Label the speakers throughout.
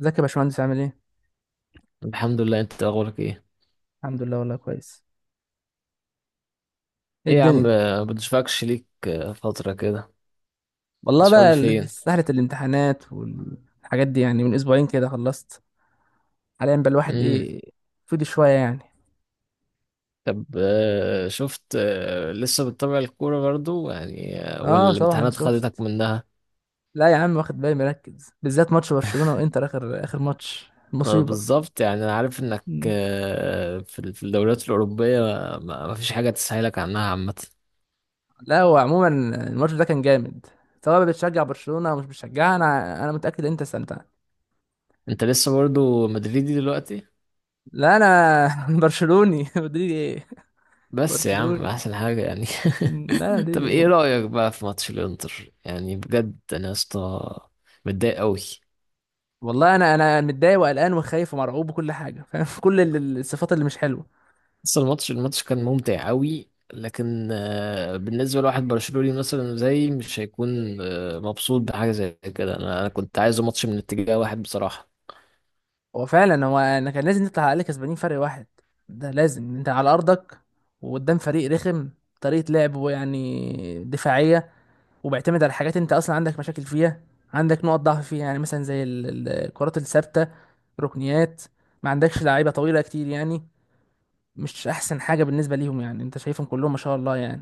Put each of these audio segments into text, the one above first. Speaker 1: ازيك يا باشمهندس عامل ايه؟
Speaker 2: الحمد لله. انت اخبارك ايه؟
Speaker 1: الحمد لله والله كويس. ايه
Speaker 2: ايه يا عم،
Speaker 1: الدنيا؟
Speaker 2: بتشفكش ليك فترة كده.
Speaker 1: والله
Speaker 2: مسحول
Speaker 1: بقى
Speaker 2: فين؟
Speaker 1: سهلة الامتحانات والحاجات دي، يعني من اسبوعين كده خلصت. حاليا بقى الواحد
Speaker 2: امم
Speaker 1: ايه، فضي شوية يعني.
Speaker 2: طب شفت. لسه بتتابع الكورة برضو يعني، ولا
Speaker 1: اه طبعا
Speaker 2: الامتحانات خدتك
Speaker 1: شفت.
Speaker 2: منها؟
Speaker 1: لا يا عم، واخد بالي، مركز بالذات ماتش برشلونة وانتر، اخر اخر ماتش
Speaker 2: ما
Speaker 1: مصيبة.
Speaker 2: بالظبط، يعني انا عارف انك
Speaker 1: مم.
Speaker 2: في في الدوريات الأوروبية ما ما فيش حاجة تسهلك عنها عامة.
Speaker 1: لا هو عموما الماتش ده كان جامد، سواء بتشجع برشلونة او مش بتشجعها انا متأكد انت استمتعت.
Speaker 2: انت لسه برضو مدريدي دلوقتي؟
Speaker 1: لا انا برشلوني مدريد ايه.
Speaker 2: بس يا عم
Speaker 1: برشلوني.
Speaker 2: احسن حاجة يعني
Speaker 1: لا مدريد
Speaker 2: طب
Speaker 1: ايه.
Speaker 2: ايه رأيك بقى في ماتش الانتر؟ يعني بجد انا يا اسطى متضايق قوي.
Speaker 1: والله انا متضايق وقلقان وخايف ومرعوب وكل حاجه، فاهم؟ كل الصفات اللي مش حلوه.
Speaker 2: بس الماتش كان ممتع قوي، لكن بالنسبة لواحد برشلوني مثلا زي، مش هيكون مبسوط بحاجة زي كده. أنا كنت عايزه ماتش من اتجاه واحد بصراحة.
Speaker 1: هو فعلا، هو انا كان لازم نطلع عليه كسبانين فرق واحد. ده لازم، انت على ارضك وقدام فريق رخم، طريقه لعبه يعني دفاعيه، وبيعتمد على حاجات انت اصلا عندك مشاكل فيها، عندك نقط ضعف فيها، يعني مثلا زي الكرات الثابته، ركنيات. ما عندكش لعيبه طويله كتير يعني، مش احسن حاجه بالنسبه ليهم. يعني انت شايفهم كلهم ما شاء الله يعني،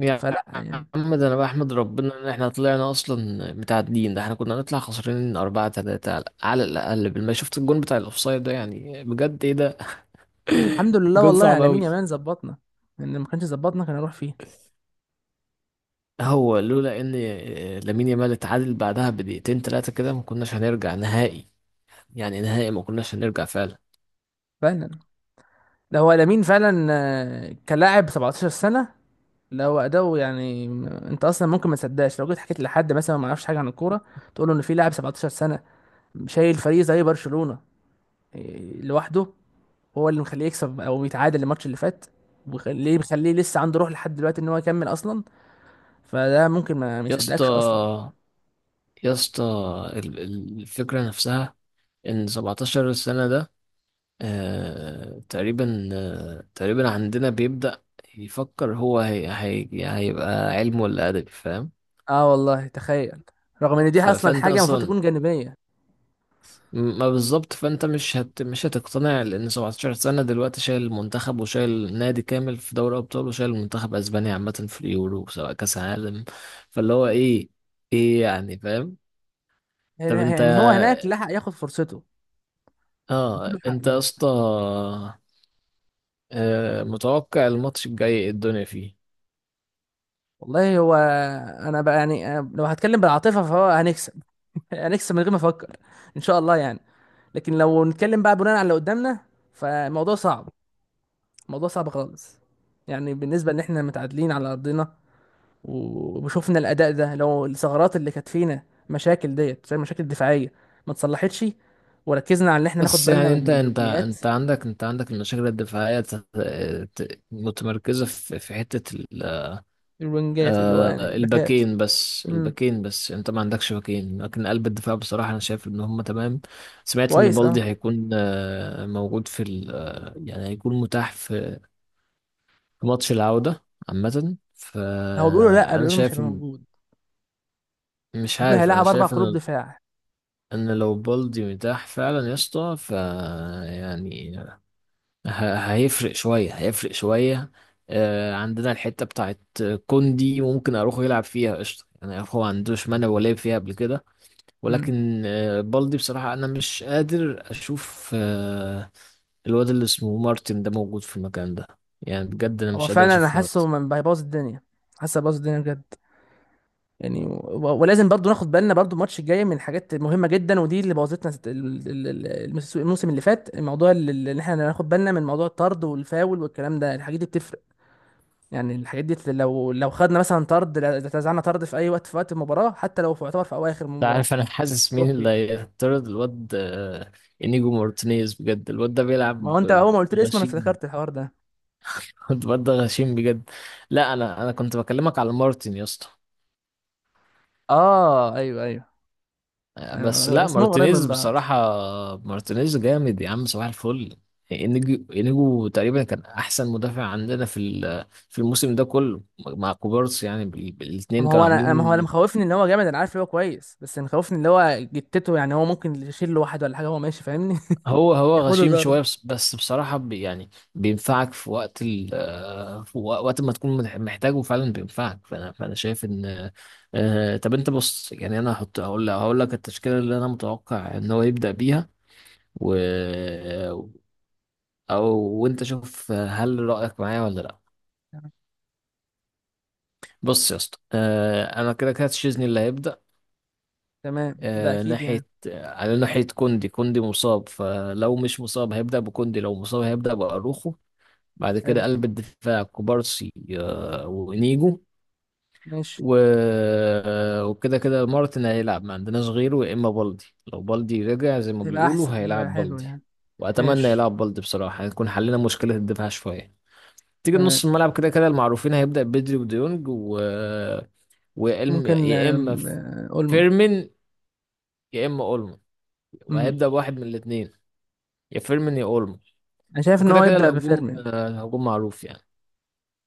Speaker 2: يا
Speaker 1: فلا يعني.
Speaker 2: عم، ده أنا بحمد ربنا إن إحنا طلعنا أصلا متعادلين، ده إحنا كنا نطلع خسرانين أربعة تلاتة على الأقل. بالما شفت الجون بتاع الأوفسايد ده، يعني بجد إيه ده؟
Speaker 1: الحمد لله،
Speaker 2: جون
Speaker 1: والله
Speaker 2: صعب
Speaker 1: على مين
Speaker 2: قوي.
Speaker 1: يا مان؟ ظبطنا، لان ما كانش ظبطنا كان هنروح فيه.
Speaker 2: هو لولا إن لامين يامال اتعادل بعدها بدقيقتين تلاتة كده، ما كناش هنرجع نهائي. يعني نهائي ما كناش هنرجع فعلا.
Speaker 1: فعلا، ده هو لامين فعلا. كلاعب 17 سنه. لا هو اداؤه يعني، انت اصلا ممكن ما تصدقش لو جيت حكيت لحد مثلا ما يعرفش حاجه عن الكوره، تقول له ان في لاعب 17 سنه شايل فريق زي برشلونه، لوحده، هو اللي مخليه يكسب او يتعادل الماتش اللي فات، وخليه مخليه لسه عنده روح لحد دلوقتي ان هو يكمل اصلا. فده ممكن ما
Speaker 2: يا اسطى
Speaker 1: يصدقكش اصلا.
Speaker 2: يا اسطى، الفكرة نفسها. إن 17 سنة ده، آه تقريبا، آه تقريبا عندنا بيبدأ يفكر هو. هي هي هيبقى علم ولا أدبي، فاهم؟
Speaker 1: اه والله تخيل، رغم ان دي اصلا
Speaker 2: فأنت
Speaker 1: حاجه المفروض
Speaker 2: أصلا
Speaker 1: تكون جانبيه.
Speaker 2: ما بالظبط. فأنت مش هتقتنع، لأن 17 سنة دلوقتي شايل المنتخب، وشايل نادي كامل في دوري أبطال، وشايل المنتخب أسبانيا عامة في اليورو سواء كأس عالم. فاللي هو إيه؟ إيه يعني، فاهم؟ طب أنت،
Speaker 1: يعني هو هناك لحق ياخد فرصته، اديله
Speaker 2: اه
Speaker 1: حقه
Speaker 2: انت يا
Speaker 1: هناك.
Speaker 2: اسطى متوقع الماتش الجاي إيه الدنيا فيه؟
Speaker 1: والله هو انا بقى يعني، أنا لو هتكلم بالعاطفه فهو هنكسب هنكسب من غير ما افكر، ان شاء الله يعني. لكن لو نتكلم بقى بناء على اللي قدامنا فالموضوع صعب، الموضوع صعب خالص. يعني بالنسبه ان احنا متعادلين على ارضنا، وشوفنا الاداء ده، لو الثغرات اللي كانت فينا، مشاكل ديت زي المشاكل الدفاعيه ما اتصلحتش، وركزنا على ان احنا ناخد
Speaker 2: بس
Speaker 1: بالنا
Speaker 2: يعني انت
Speaker 1: من
Speaker 2: انت
Speaker 1: الركنيات،
Speaker 2: انت عندك، عندك المشاكل الدفاعيه متمركزه في حته
Speaker 1: الوينجات اللي هو يعني الباكات.
Speaker 2: الباكين بس.
Speaker 1: امم،
Speaker 2: الباكين بس، انت ما عندكش باكين، لكن قلب الدفاع بصراحه انا شايف ان هم تمام. سمعت ان
Speaker 1: كويس اه.
Speaker 2: بالدي هيكون موجود في يعني هيكون متاح في ماتش العوده. عامه
Speaker 1: هو بيقولوا، لا
Speaker 2: فانا
Speaker 1: بيقولوا مش
Speaker 2: شايف
Speaker 1: هيبقى
Speaker 2: إن،
Speaker 1: موجود،
Speaker 2: مش
Speaker 1: بيقولوا
Speaker 2: عارف، انا
Speaker 1: هيلعب اربع
Speaker 2: شايف
Speaker 1: قلوب
Speaker 2: ان،
Speaker 1: دفاع.
Speaker 2: انا لو بالدي متاح فعلا يا اسطى ف، يعني هيفرق شويه. عندنا الحته بتاعت كوندي ممكن اروحه يلعب فيها قشطه، يعني اخو ما عندوش مانع، ولا لعب فيها قبل كده.
Speaker 1: امم.
Speaker 2: ولكن بالدي بصراحه، انا مش قادر اشوف الواد اللي اسمه مارتن ده موجود في المكان ده. يعني بجد انا
Speaker 1: هو
Speaker 2: مش قادر
Speaker 1: فعلا انا
Speaker 2: اشوف
Speaker 1: حاسه
Speaker 2: مارتن.
Speaker 1: من هيبوظ الدنيا، حاسه هيبوظ الدنيا بجد. يعني ولازم برضو ناخد بالنا برضو الماتش الجاي من حاجات مهمه جدا، ودي اللي بوظتنا الموسم اللي فات. الموضوع اللي احنا ناخد بالنا من موضوع الطرد والفاول والكلام ده، الحاجات دي بتفرق. يعني الحاجات دي لو خدنا مثلا طرد، لو اتزعلنا طرد في اي وقت، في وقت المباراه، حتى لو في يعتبر في اواخر
Speaker 2: انت
Speaker 1: المباراه
Speaker 2: عارف انا حاسس
Speaker 1: نروح
Speaker 2: مين اللي
Speaker 1: فيه.
Speaker 2: هيطرد الواد؟ انيجو مارتينيز. بجد الواد ده
Speaker 1: ما
Speaker 2: بيلعب
Speaker 1: هو انت اول ما قلت لي اسمه انا
Speaker 2: غشيم.
Speaker 1: افتكرت الحوار ده.
Speaker 2: كنت برضه غشيم بجد. لا انا انا كنت بكلمك على مارتن يا اسطى،
Speaker 1: اه ايوه ايوه.
Speaker 2: بس لا
Speaker 1: اسمهم قريب من
Speaker 2: مارتينيز
Speaker 1: بعض.
Speaker 2: بصراحة. مارتينيز جامد يا عم، صباح الفل. انيجو تقريبا كان احسن مدافع عندنا في في الموسم ده كله، مع كوبارس، يعني الاتنين
Speaker 1: ما هو
Speaker 2: كانوا
Speaker 1: انا، ما هو اللي
Speaker 2: عاملين.
Speaker 1: مخوفني ان هو جامد، انا عارف ان هو كويس، بس اللي مخوفني اللي هو جتته يعني، هو ممكن يشيل له واحد ولا حاجه، هو ماشي، فاهمني؟
Speaker 2: هو هو
Speaker 1: ياخده
Speaker 2: غشيم
Speaker 1: ضرب
Speaker 2: شوية، بس بصراحة بي يعني بينفعك في وقت ال في وقت ما تكون محتاجه فعلا، بينفعك. فأنا شايف إن، طب أنت بص، يعني أنا هحط، هقول لك التشكيلة اللي أنا متوقع إن هو يبدأ بيها. و أو وأنت شوف هل رأيك معايا ولا لأ.
Speaker 1: يعني.
Speaker 2: بص يا اسطى، أنا كده كده تشيزني اللي هيبدأ.
Speaker 1: تمام، ده اكيد يعني.
Speaker 2: ناحية على ناحية، كوندي مصاب، فلو مش مصاب هيبدأ بكوندي، لو مصاب هيبدأ بأروخو. بعد كده
Speaker 1: حلو.
Speaker 2: قلب الدفاع كوبارسي وانيجو.
Speaker 1: ماشي.
Speaker 2: و... وكده كده مارتن هيلعب، ما عندناش غيره، يا اما بالدي. لو بالدي رجع زي ما
Speaker 1: هيبقى
Speaker 2: بيقولوا،
Speaker 1: احسن، هيبقى
Speaker 2: هيلعب
Speaker 1: حلو
Speaker 2: بالدي.
Speaker 1: يعني.
Speaker 2: واتمنى
Speaker 1: ماشي.
Speaker 2: يلعب بالدي بصراحه، هنكون حلينا مشكله الدفاع شويه. تيجي
Speaker 1: تمام.
Speaker 2: نص الملعب كده كده المعروفين، هيبدا بدري وديونج
Speaker 1: ممكن
Speaker 2: يا اما
Speaker 1: آم، آه، اولمو.
Speaker 2: فيرمين، يا اما اولمو،
Speaker 1: امم.
Speaker 2: وهيبدا بواحد من الاثنين، يا فيرمين يا اولمو.
Speaker 1: انا شايف ان
Speaker 2: وكده
Speaker 1: هو
Speaker 2: كده
Speaker 1: يبدا
Speaker 2: الهجوم،
Speaker 1: بفيرمين،
Speaker 2: الهجوم معروف يعني.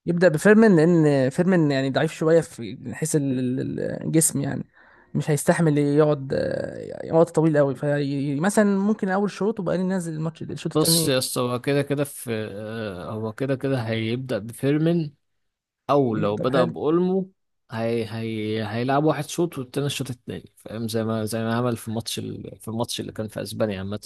Speaker 1: يبدأ بفيرمين، لأن فيرمين يعني ضعيف شوية في من حيث الجسم يعني، مش هيستحمل يقعد وقت طويل قوي، فمثلا ممكن أول شوط وبقى ننزل الماتش الشوط
Speaker 2: بص
Speaker 1: التاني.
Speaker 2: يا اسطى، هو كده كده في، هو كده كده هيبدأ بفيرمين، او
Speaker 1: مم،
Speaker 2: لو
Speaker 1: طب
Speaker 2: بدأ
Speaker 1: حلو.
Speaker 2: بأولمو هي هي هيلعب واحد شوط، والتاني الشوط التاني، فاهم؟ زي ما عمل في الماتش في الماتش اللي كان في اسبانيا عامة.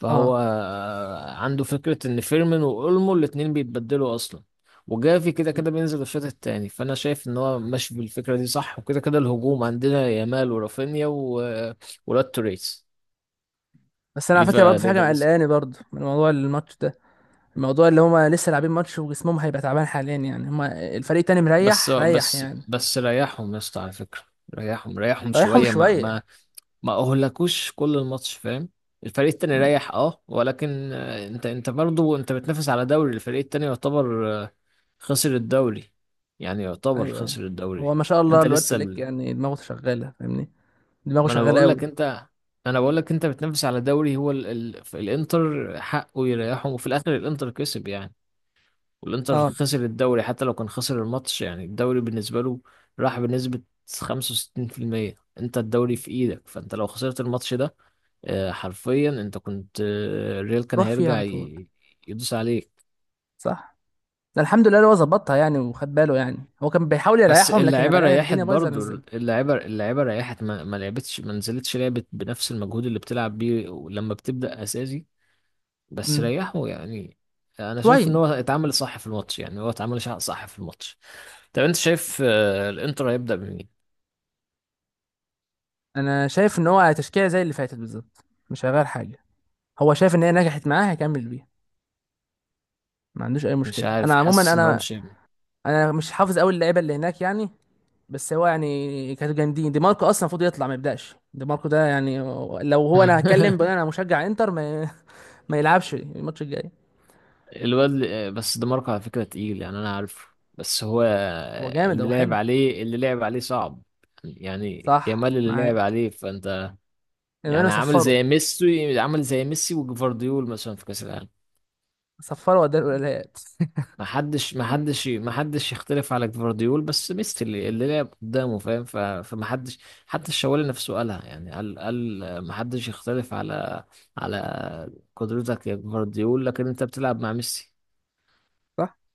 Speaker 2: فهو
Speaker 1: اه.
Speaker 2: عنده فكرة ان فيرمين وأولمو الاتنين بيتبدلوا اصلا. وجافي كده
Speaker 1: مم.
Speaker 2: كده بينزل الشوط التاني. فانا شايف ان هو ماشي بالفكرة دي صح. وكده كده الهجوم عندنا يامال ورافينيا ولاد توريس،
Speaker 1: بس أنا على فكرة برضه
Speaker 2: ليفا.
Speaker 1: في حاجة
Speaker 2: لسه،
Speaker 1: مقلقاني برضه من موضوع الماتش ده، الموضوع اللي هما لسه لاعبين ماتش وجسمهم هيبقى تعبان حاليا، يعني هما الفريق التاني
Speaker 2: بس
Speaker 1: مريح، ريح
Speaker 2: بس
Speaker 1: يعني.
Speaker 2: بس ريحهم يا اسطى على فكرة. ريحهم
Speaker 1: ريحهم
Speaker 2: شوية، ما
Speaker 1: شوية.
Speaker 2: ما اهلكوش كل الماتش، فاهم؟ الفريق التاني
Speaker 1: مم.
Speaker 2: ريح اه، ولكن انت برضو، انت بتنافس على دوري، الفريق التاني يعتبر خسر الدوري. يعني يعتبر
Speaker 1: أيوه أيوه.
Speaker 2: خسر
Speaker 1: هو
Speaker 2: الدوري.
Speaker 1: ما شاء الله
Speaker 2: انت
Speaker 1: الواد
Speaker 2: لسه
Speaker 1: فليك يعني دماغه شغالة، فاهمني؟ دماغه
Speaker 2: ما انا
Speaker 1: شغالة
Speaker 2: بقول
Speaker 1: قوي.
Speaker 2: لك انت، انا بقول لك انت بتنافس على دوري، هو الانتر حقه يريحهم، وفي الاخر الانتر كسب يعني. والانتر
Speaker 1: اه.
Speaker 2: خسر الدوري، حتى لو كان خسر الماتش، يعني الدوري بالنسبة له راح بنسبة 65%. انت الدوري في ايدك، فانت لو خسرت الماتش ده حرفيا انت كنت، الريال كان
Speaker 1: روح فيه
Speaker 2: هيرجع
Speaker 1: على طول.
Speaker 2: يدوس عليك.
Speaker 1: صح. ده الحمد لله اللي هو ظبطها يعني، وخد باله، يعني هو كان بيحاول
Speaker 2: بس
Speaker 1: يريحهم لكن لما
Speaker 2: اللعيبة
Speaker 1: لقى
Speaker 2: ريحت
Speaker 1: الدنيا بايظه
Speaker 2: برضو،
Speaker 1: نزل.
Speaker 2: اللعيبة ريحت، ما لعبتش، ما نزلتش، لعبت بنفس المجهود اللي بتلعب بيه لما بتبدأ أساسي، بس
Speaker 1: امم.
Speaker 2: ريحوا يعني. انا شايف ان
Speaker 1: شويه.
Speaker 2: هو اتعامل صح في الماتش، يعني هو اتعامل صح في الماتش. طب انت شايف الانتر هيبدأ بمين؟
Speaker 1: انا شايف ان هو تشكيله زي اللي فاتت بالظبط، مش هيغير حاجه، هو شايف ان هي نجحت معاه هيكمل بيها، ما عندوش اي
Speaker 2: مش
Speaker 1: مشكله.
Speaker 2: عارف،
Speaker 1: انا عموما
Speaker 2: حاسس ان هو
Speaker 1: انا
Speaker 2: مش ابني
Speaker 1: انا مش حافظ قوي اللعيبه اللي هناك يعني، بس هو يعني كانوا جامدين. دي ماركو اصلا المفروض يطلع، ما يبداش دي ماركو ده يعني. لو هو، انا هتكلم بناء انا مشجع انتر، ما, ما يلعبش الماتش الجاي.
Speaker 2: الواد بس ده ماركو على فكرة تقيل، يعني انا عارفه. بس هو،
Speaker 1: هو جامد،
Speaker 2: اللي
Speaker 1: هو
Speaker 2: لعب
Speaker 1: حلو.
Speaker 2: عليه اللي لعب عليه صعب. يعني
Speaker 1: صح
Speaker 2: يامال اللي لعب
Speaker 1: معاك.
Speaker 2: عليه، فانت
Speaker 1: امانو
Speaker 2: يعني عامل
Speaker 1: صفره.
Speaker 2: زي ميسي، عامل زي ميسي وجفارديول مثلا في كأس العالم.
Speaker 1: صفره وداه الولايات.
Speaker 2: ما حدش يختلف على جفارديول، بس ميسي اللي لعب قدامه، فاهم؟ فما حدش. حتى الشوالي نفسه قالها، يعني قال ما حدش يختلف على على قدرتك يا جفارديول، لكن انت بتلعب مع ميسي.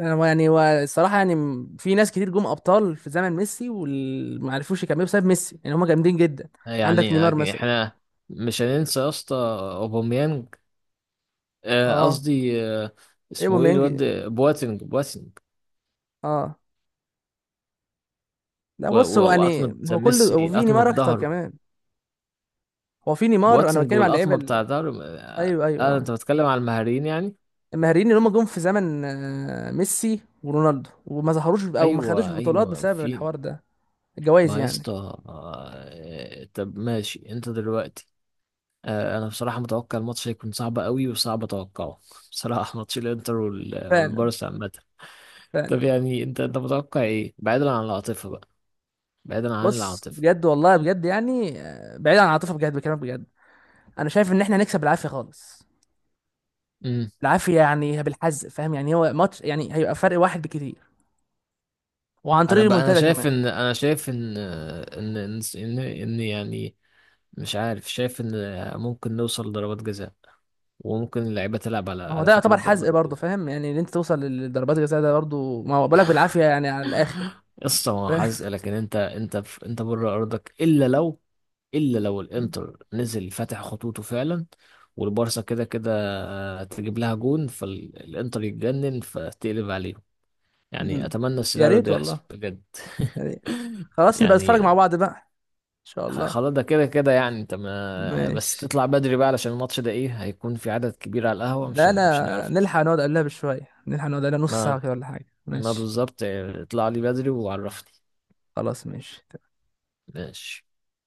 Speaker 1: انا يعني هو الصراحه يعني، في ناس كتير جم ابطال في زمن ميسي وما عرفوش يكملوا بسبب ميسي، يعني هم جامدين جدا.
Speaker 2: يعني
Speaker 1: عندك نيمار
Speaker 2: يعني
Speaker 1: مثلا.
Speaker 2: احنا مش هننسى يا اسطى اوباميانج،
Speaker 1: اه.
Speaker 2: قصدي
Speaker 1: ايه
Speaker 2: اسمه ايه
Speaker 1: بوميانج.
Speaker 2: الواد، بواتنج.
Speaker 1: اه. لا بص، هو يعني
Speaker 2: وقطمة
Speaker 1: هو كله،
Speaker 2: ميسي،
Speaker 1: وفي
Speaker 2: قطمة
Speaker 1: نيمار اكتر
Speaker 2: ظهره.
Speaker 1: كمان. هو في نيمار، انا
Speaker 2: بواتنج
Speaker 1: بتكلم على اللعيبه
Speaker 2: والقطمة بتاع ظهره، آه.
Speaker 1: ايوه ايوه اه.
Speaker 2: انت بتتكلم على المهاريين يعني.
Speaker 1: المهاريين اللي هم جم في زمن ميسي ورونالدو وما ظهروش او ما خدوش
Speaker 2: ايوه
Speaker 1: بطولات
Speaker 2: ايوه،
Speaker 1: بسبب
Speaker 2: في.
Speaker 1: الحوار ده، الجوائز
Speaker 2: ما يا
Speaker 1: يعني.
Speaker 2: اسطى، طب ماشي انت دلوقتي، انا بصراحة متوقع الماتش هيكون صعب قوي، وصعب اتوقعه بصراحة، ماتش الانتر
Speaker 1: فعلا.
Speaker 2: والبارسا عامة. طب
Speaker 1: فعلا.
Speaker 2: يعني انت متوقع ايه بعيدا عن العاطفة بقى؟ بعيدا عن
Speaker 1: بص
Speaker 2: العاطفة.
Speaker 1: بجد والله، بجد يعني بعيد عن العاطفه، بجد بكلامك بجد، انا شايف ان احنا هنكسب بالعافيه خالص،
Speaker 2: امم
Speaker 1: العافيه يعني بالحزق، فاهم؟ يعني هو ماتش يعني هيبقى فرق واحد بكتير، وعن
Speaker 2: انا
Speaker 1: طريق
Speaker 2: بقى، انا
Speaker 1: المنتدى
Speaker 2: شايف
Speaker 1: كمان.
Speaker 2: ان، إن يعني مش عارف، شايف ان ممكن نوصل لضربات جزاء، وممكن اللعيبه تلعب على
Speaker 1: ما هو
Speaker 2: على
Speaker 1: ده
Speaker 2: فكره
Speaker 1: يعتبر
Speaker 2: ضربات
Speaker 1: حزق برضه،
Speaker 2: الجزاء.
Speaker 1: فاهم يعني؟ ان انت توصل للضربات الجزاء ده برضه ما هو بالك بالعافيه يعني على الاخر.
Speaker 2: قصه ما
Speaker 1: فاهم؟
Speaker 2: حزق، لكن انت، انت في، انت بره ارضك، الا لو الانتر نزل فاتح خطوطه فعلا، والبارسا كده كده تجيب لها جون، فالانتر يتجنن فتقلب عليهم. يعني
Speaker 1: مم.
Speaker 2: اتمنى
Speaker 1: يا
Speaker 2: السيناريو
Speaker 1: ريت
Speaker 2: ده يحصل
Speaker 1: والله،
Speaker 2: بجد
Speaker 1: يا ريت. خلاص نبقى نتفرج مع
Speaker 2: يعني
Speaker 1: بعض بقى، ان شاء الله.
Speaker 2: خلاص ده كده كده، يعني انت ما بس
Speaker 1: ماشي.
Speaker 2: تطلع بدري بقى، علشان الماتش ده ايه، هيكون في عدد كبير على القهوة،
Speaker 1: لا
Speaker 2: مش
Speaker 1: لا،
Speaker 2: هنعرف.
Speaker 1: نلحق نقعد قبلها بشويه، نلحق نقعد قبلها نص
Speaker 2: ما
Speaker 1: ساعه كده ولا حاجه.
Speaker 2: ما
Speaker 1: ماشي.
Speaker 2: بالظبط، اطلع لي بدري وعرفني.
Speaker 1: خلاص ماشي.
Speaker 2: ماشي.